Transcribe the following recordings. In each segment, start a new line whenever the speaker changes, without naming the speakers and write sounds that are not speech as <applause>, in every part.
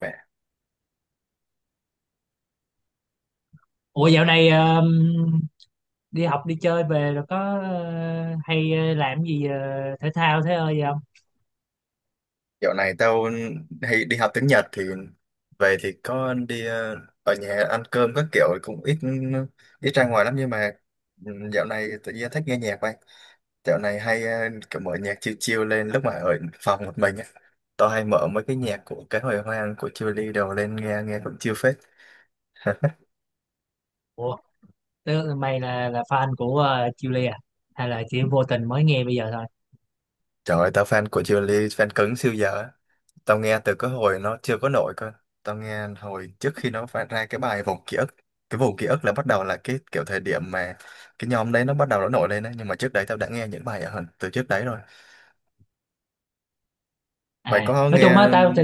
Mẹ,
Ủa, dạo này đi học đi chơi về rồi có hay làm gì thể thao thế ơi gì không?
dạo này tao hay đi học tiếng Nhật thì về thì có đi ở nhà ăn cơm các kiểu cũng ít ít ra ngoài lắm nhưng mà dạo này tự nhiên thích nghe nhạc vậy. Dạo này hay kiểu mở nhạc chill chill lên lúc mà ở phòng một mình á. Tao hay mở mấy cái nhạc của cái hồi hoang của Chillies đồ lên nghe nghe cũng chill phết.
Ủa tức mày là fan của Chile à? Hay là chỉ vô tình mới nghe bây giờ thôi?
Trời ơi, tao fan của Julie, fan cứng siêu giờ á. Tao nghe từ cái hồi nó chưa có nổi cơ. Tao nghe hồi trước khi nó phát ra cái bài Vòng Ký ức. Cái Vòng Ký ức là bắt đầu là cái kiểu thời điểm mà cái nhóm đấy nó bắt đầu nó nổi lên đấy. Nhưng mà trước đấy tao đã nghe những bài ở hơn từ trước đấy rồi. Mày
À
có
nói chung á,
nghe...
tao thì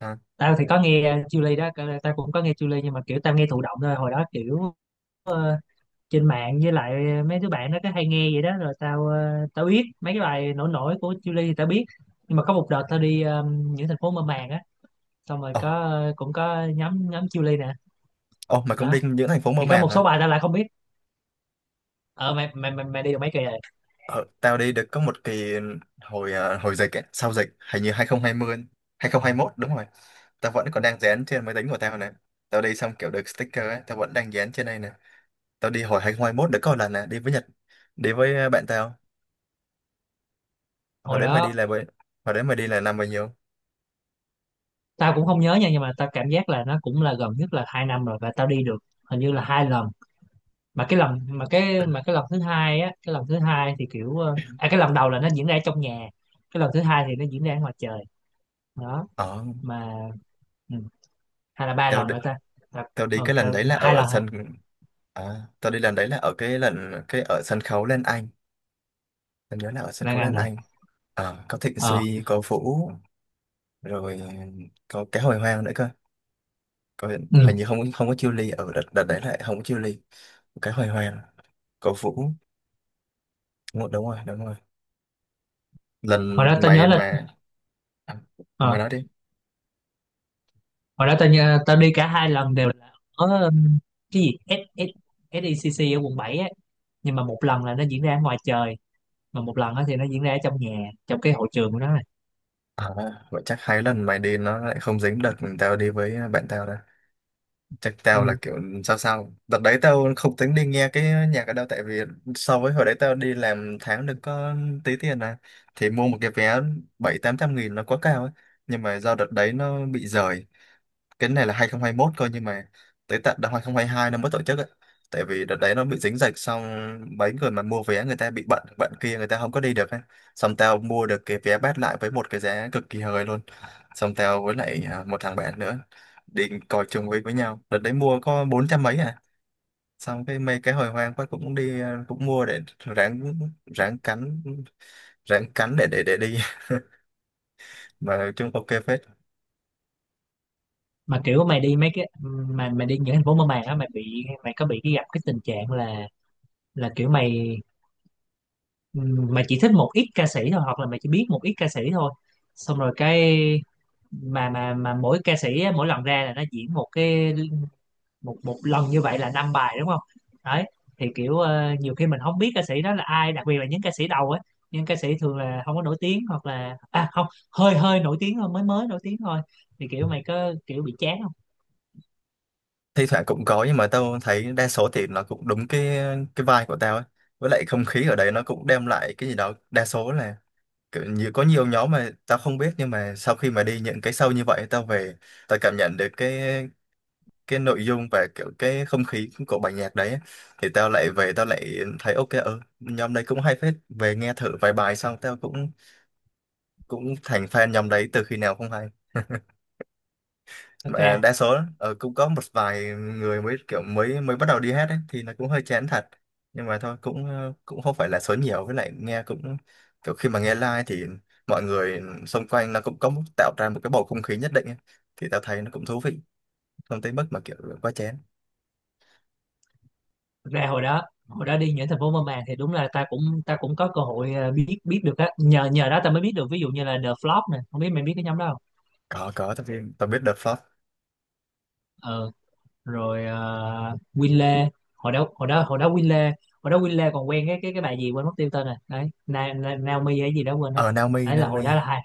À,
tao thì có nghe Chile đó, tao cũng có nghe Chile nhưng mà kiểu tao nghe thụ động thôi. Hồi đó kiểu ờ, trên mạng với lại mấy đứa bạn nó cứ hay nghe vậy đó, rồi tao biết mấy cái bài nổi nổi của Chile thì tao biết, nhưng mà có một đợt tao đi những thành phố mơ màng á, xong rồi
ồ,
có cũng có nhóm nhóm Chillies nè.
ồ, mày cũng
Đó
đi những thành phố mơ
thì có
màng
một
hả?
số bài tao lại không biết. Ở mày đi được mấy kỳ rồi?
Ờ, tao đi được có một kỳ hồi hồi dịch ấy, sau dịch, hình như 2020, 2021 đúng rồi. Tao vẫn còn đang dán trên máy tính của tao này. Tao đi xong kiểu được sticker ấy, tao vẫn đang dán trên đây nè. Tao đi hồi 2021 đã có một lần nè, đi với Nhật, đi với bạn tao. Hồi
Hồi
đấy mày đi
đó
là với, hồi đấy mày đi là năm bao nhiêu?
tao cũng không nhớ nha, nhưng mà tao cảm giác là nó cũng là gần nhất là 2 năm rồi, và tao đi được hình như là 2 lần. Mà cái lần thứ hai á, cái lần thứ hai thì kiểu ờ, à cái lần đầu là nó diễn ra trong nhà, cái lần thứ hai thì nó diễn ra ngoài trời. Đó
ờ
mà ừ, hay là ba
tao
lần
đi,
nữa ta? tao
tao đi cái lần
Ta
đấy là
hai
ở
lần hả?
sân, à, tao đi lần đấy là ở cái lần cái ở sân khấu Lan Anh, tao nhớ là ở sân
Là
khấu
ngành
Lan
hả?
Anh. Ờ, có Thịnh
Ờ.
Suy, có Vũ rồi, có cái hồi hoang nữa cơ. Có,
Ừ.
hình như không không có Chiêu Ly ở đợt, đợt đấy lại không có Chiêu Ly, cái hồi hoang, có Vũ. Đúng rồi đúng rồi đúng rồi.
hồi
Lần
đó tao nhớ
mày
là
mà, à,
ờ
mày nói đi.
Hồi đó tao đi cả 2 lần đều là ở cái gì, S, S, SECC ở Quận 7 á, nhưng mà một lần là nó diễn ra ở ngoài trời, mà một lần á thì nó diễn ra ở trong nhà, trong cái hội trường của nó này.
À, vậy chắc hai lần mày đi nó lại không dính đợt mình tao đi với bạn tao. Chắc tao là
Ừ.
kiểu sao sao. Đợt đấy tao không tính đi nghe cái nhạc ở đâu. Tại vì so với hồi đấy tao đi làm tháng được có tí tiền à. Thì mua một cái vé 700-800 nghìn nó quá cao ấy. Nhưng mà do đợt đấy nó bị rời. Cái này là 2021 coi nhưng mà tới tận năm 2022 nó mới tổ chức ấy. Tại vì đợt đấy nó bị dính dịch, xong mấy người mà mua vé người ta bị bận, bận kia người ta không có đi được ấy. Xong tao mua được cái vé bát lại với một cái giá cực kỳ hời luôn. Xong tao với lại một thằng bạn nữa định còi trùng với nhau, đợt đấy mua có 400 mấy à. Xong cái mấy cái hồi hoang quá cũng đi, cũng mua để ráng, ráng cắn, ráng cắn để đi. <laughs> Mà nói chung ok phết.
Mà kiểu mày đi mấy cái mà mày đi những thành phố mơ màng á, mày có bị cái gặp cái tình trạng là là kiểu mày ừ, mày chỉ thích một ít ca sĩ thôi hoặc là mày chỉ biết một ít ca sĩ thôi, xong rồi cái mà mỗi ca sĩ á, mỗi lần ra là nó diễn một một lần như vậy là năm bài, đúng không? Đấy. Thì kiểu nhiều khi mình không biết ca sĩ đó là ai, đặc biệt là những ca sĩ đầu ấy, những ca sĩ thường là không có nổi tiếng hoặc là à không hơi hơi nổi tiếng thôi, mới mới nổi tiếng thôi, thì kiểu mày có kiểu bị chán không?
Thi thoảng cũng có nhưng mà tao thấy đa số thì nó cũng đúng cái vibe của tao ấy. Với lại không khí ở đấy nó cũng đem lại cái gì đó, đa số là kiểu như có nhiều nhóm mà tao không biết nhưng mà sau khi mà đi những cái show như vậy tao về, tao cảm nhận được cái nội dung và kiểu cái không khí của bài nhạc đấy á, thì tao lại về tao lại thấy ok, ừ, nhóm đấy cũng hay phết, về nghe thử vài bài xong tao cũng cũng thành fan nhóm đấy từ khi nào không hay.
thật
Mà
ra
đa số cũng có một vài người mới kiểu mới mới bắt đầu đi hát ấy, thì nó cũng hơi chán thật. Nhưng mà thôi cũng cũng không phải là số nhiều, với lại nghe cũng kiểu khi mà nghe live thì mọi người xung quanh nó cũng có tạo ra một cái bầu không khí nhất định ấy. Thì tao thấy nó cũng thú vị, không tới mức mà kiểu quá chén.
Thật ra hồi đó đi những thành phố mơ màng thì đúng là ta cũng có cơ hội biết biết được á, nhờ nhờ đó ta mới biết được, ví dụ như là The Flop nè, không biết mày biết cái nhóm đó
Có, tao biết, tao biết The Flop.
không? Rồi. Winley, hồi đó hồi đó hồi đó Winley hồi đó Winley còn quen cái bà gì quên mất tiêu tên rồi đấy, Na, Na, Naomi hay gì đó, quên rồi.
Ờ, Naomi,
Đấy là
Naomi.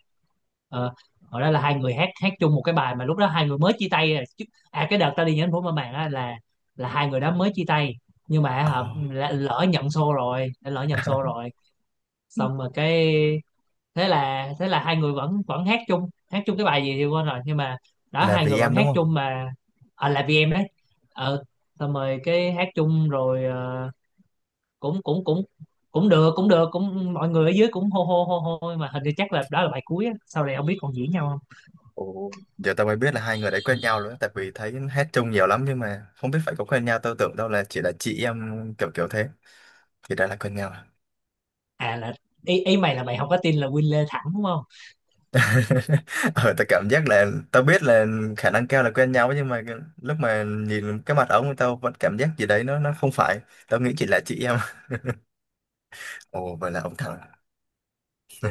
ờ, hồi đó là hai người hát hát chung một cái bài mà lúc đó hai người mới chia tay à, chứ. À cái đợt tao đi nhánh phố mà màng á là hai người đó mới chia tay, nhưng mà
Ờ,
hả, lỡ nhận show rồi, xong rồi cái thế là hai người vẫn vẫn hát chung cái bài gì thì quên rồi, nhưng mà đó
là
hai người
vì
vẫn
em đúng
hát
không?
chung mà. À, là vì em đấy. Ờ, xong rồi cái hát chung rồi, cũng cũng cũng cũng được cũng mọi người ở dưới cũng hô hô hô hô, nhưng mà hình như chắc là đó là bài cuối á, sau này không biết còn diễn nhau không.
Ồ. Giờ tao mới biết là hai người đấy quen nhau nữa, tại vì thấy hát chung nhiều lắm nhưng mà không biết phải có quen nhau, tao tưởng đâu là chỉ là chị em kiểu kiểu thế, thì đã là quen nhau <laughs> à?
À là, ý mày là mày không có tin là Win Lê thẳng đúng không?
Ờ tao cảm giác là, tao biết là khả năng cao là quen nhau nhưng mà cái-, lúc mà nhìn cái mặt ông tao vẫn cảm giác gì đấy nó không phải, tao nghĩ chỉ là chị em. Ồ vậy là ông thắng.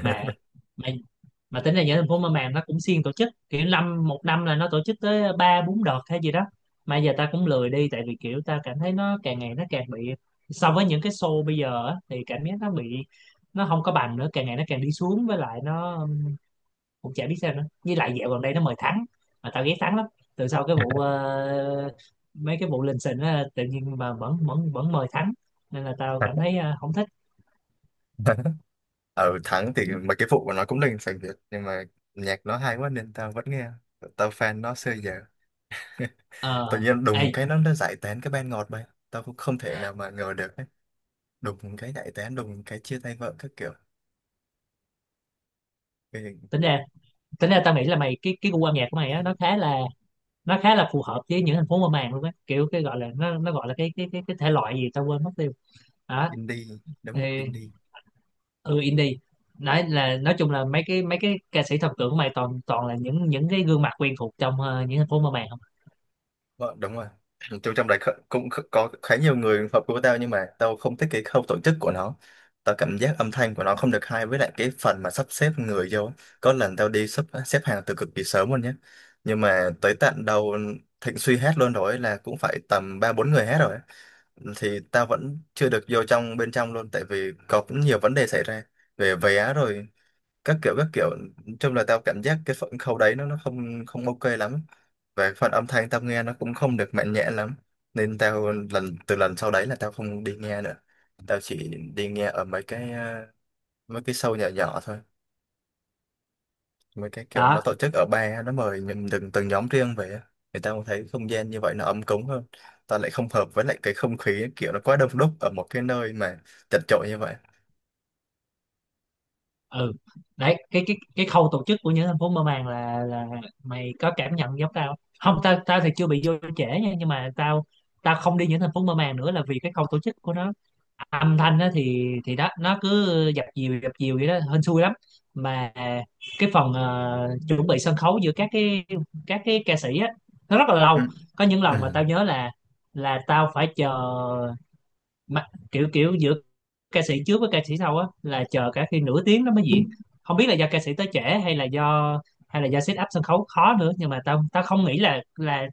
Mà mà mà tính ra nhớ thành phố Mơ Màng nó cũng siêng tổ chức, kiểu năm một năm là nó tổ chức tới ba bốn đợt hay gì đó. Mà giờ ta cũng lười đi, tại vì kiểu ta cảm thấy nó càng ngày nó càng bị, so với những cái show bây giờ á, thì cảm giác nó bị, nó không có bằng nữa, càng ngày nó càng đi xuống, với lại nó cũng chả biết sao nữa, với lại dạo gần đây nó mời Thắng, mà tao ghét Thắng lắm. Từ sau cái vụ mấy cái vụ lình xình á, tự nhiên mà vẫn vẫn vẫn mời Thắng, nên là tao cảm thấy không thích.
<laughs> Ở thắng thì mà cái vụ của nó cũng linh sành Việt nhưng mà nhạc nó hay quá nên tao vẫn nghe, tao fan nó xưa giờ. Tự
Ờ.
nhiên
Ê.
đùng cái nó giải tán cái ban ngọt bay, tao cũng không thể nào mà ngờ được ấy. Đùng cái giải tán, đùng cái chia tay vợ các kiểu, cái hình.
tính ra Tính ra tao nghĩ là mày, cái gu âm nhạc của mày á, nó khá là phù hợp với những thành phố mơ màng luôn á, kiểu cái gọi là nó gọi là cái thể loại gì tao quên mất tiêu. Đó
Indie đúng
thì
không, indie.
ừ, indie. Đấy là nói chung là mấy cái ca sĩ thần tượng của mày toàn toàn là những cái gương mặt quen thuộc trong những thành phố mơ màng không?
Vợ đúng rồi. Tôi trong đấy kh- cũng kh- có khá nhiều người hợp của tao nhưng mà tao không thích cái khâu tổ chức của nó. Tao cảm giác âm thanh của nó không được hay, với lại cái phần mà sắp xếp người vô ấy. Có lần tao đi xếp xếp hàng từ cực kỳ sớm luôn nhé, nhưng mà tới tận đầu Thịnh Suy hát luôn rồi ấy, là cũng phải tầm ba bốn người hát rồi ấy. Thì tao vẫn chưa được vô trong bên trong luôn, tại vì có cũng nhiều vấn đề xảy ra về vé rồi các kiểu các kiểu. Nói chung là tao cảm giác cái phần khâu đấy nó không không ok lắm, và cái phần âm thanh tao nghe nó cũng không được mạnh mẽ lắm, nên tao từ lần sau đấy là tao không đi nghe nữa. Tao chỉ đi nghe ở mấy cái mấy cái show nhỏ nhỏ thôi, mấy cái kiểu nó
Đó.
tổ chức ở ba nó mời những từng từng nhóm riêng về á. Người ta cũng thấy không gian như vậy nó ấm cúng hơn. Ta lại không hợp với lại cái không khí kiểu nó quá đông đúc ở một cái nơi mà chật chội như vậy.
Ừ. Đấy cái khâu tổ chức của những thành phố mơ màng là mày có cảm nhận giống tao không? Không, tao tao thì chưa bị vô trễ nha, nhưng mà tao tao không đi những thành phố mơ màng nữa là vì cái khâu tổ chức của nó. Âm thanh á thì đó nó cứ dập dìu vậy đó, hên xui lắm. Mà cái phần chuẩn bị sân khấu giữa các cái ca sĩ á nó rất là lâu.
Ừ.
Có những lần mà
Ừ.
tao nhớ là tao phải chờ, mà kiểu kiểu giữa ca sĩ trước với ca sĩ sau á là chờ cả khi nửa tiếng nó mới diễn. Không biết là do ca sĩ tới trễ hay là do set up sân khấu khó nữa, nhưng mà tao tao không nghĩ là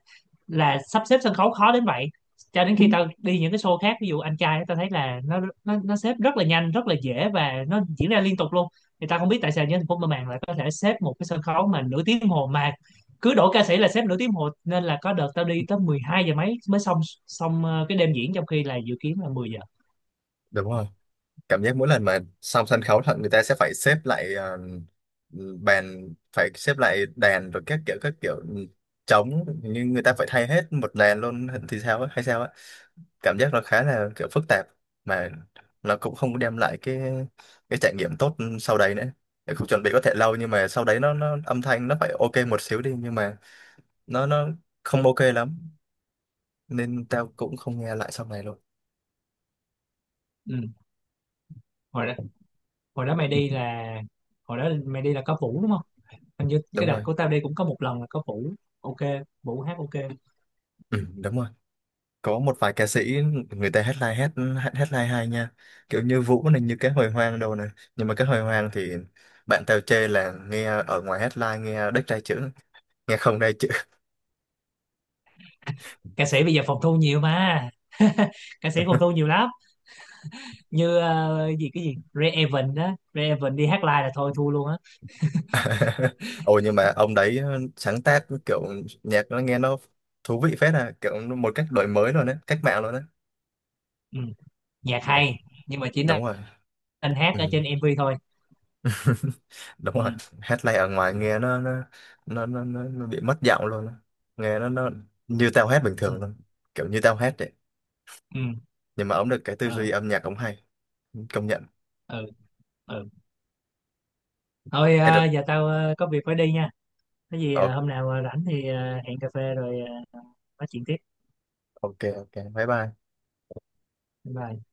là sắp xếp sân khấu khó đến vậy. Cho đến khi tao đi những cái show khác, ví dụ anh trai á, tao thấy là nó xếp rất là nhanh rất là dễ và nó diễn ra liên tục luôn. Thì tao không biết tại sao nhân Thành phố mơ màng lại có thể xếp một cái sân khấu mà nửa tiếng đồng hồ, mà cứ đổ ca sĩ là xếp nửa tiếng đồng hồ, nên là có đợt tao đi tới 12 giờ mấy mới xong, cái đêm diễn, trong khi là dự kiến là 10 giờ.
Đúng rồi, cảm giác mỗi lần mà xong sân khấu thật người ta sẽ phải xếp lại, bàn phải xếp lại đàn rồi các kiểu các kiểu, ừ, trống, như người ta phải thay hết một đàn luôn thì sao á hay sao á? Cảm giác nó khá là kiểu phức tạp mà nó cũng không đem lại cái trải nghiệm tốt sau đấy nữa. Để không, chuẩn bị có thể lâu nhưng mà sau đấy nó âm thanh nó phải ok một xíu đi, nhưng mà nó không ok lắm, nên tao cũng không nghe lại sau này luôn.
Ừ. hồi đó hồi đó mày đi là Hồi đó mày đi là có Vũ đúng không? Hình
<laughs>
như cái
Đúng
đợt
rồi.
của tao đi cũng có một lần là có Vũ. Ok, Vũ hát ok.
Ừ, đúng rồi. Có một vài ca sĩ người ta headline hát, hát headline hay nha, kiểu như Vũ này, như cái hồi hoang đâu này. Nhưng mà cái hồi hoang thì bạn tao chê là nghe ở ngoài headline nghe đếch tai chữ, nghe không tai chữ.
Ca sĩ bây giờ phòng thu nhiều mà. <laughs> Ca sĩ phòng
<laughs>
thu nhiều lắm. Như ờ, gì cái gì, Ray Evan đó, Ray Evan đi hát live là thôi thua luôn á.
<laughs> Ồ nhưng mà ông đấy sáng tác kiểu nhạc nó nghe nó thú vị phết à, kiểu một cách đổi mới luôn đấy, cách mạng luôn đấy.
Ừ. Nhạc
Ồ,
hay, nhưng mà chỉ nên
đúng rồi.
nên hát
Ừ.
ở trên MV thôi.
<laughs> Đúng
Ừ.
rồi, hát live ở ngoài nghe nó nó bị mất giọng luôn á. Nghe nó như tao hát bình
Ừ.
thường luôn, kiểu như tao hát vậy.
Ừ.
Nhưng mà ông được cái tư
Ờ.
duy âm nhạc ông hay, công nhận.
Ừ. Ừ. Thôi
Ê, được.
giờ tao có việc phải đi nha. Cái gì
Ờ,
hôm nào rảnh thì hẹn cà phê rồi ờ, nói chuyện tiếp.
ok, ok, bye bye.
Bye.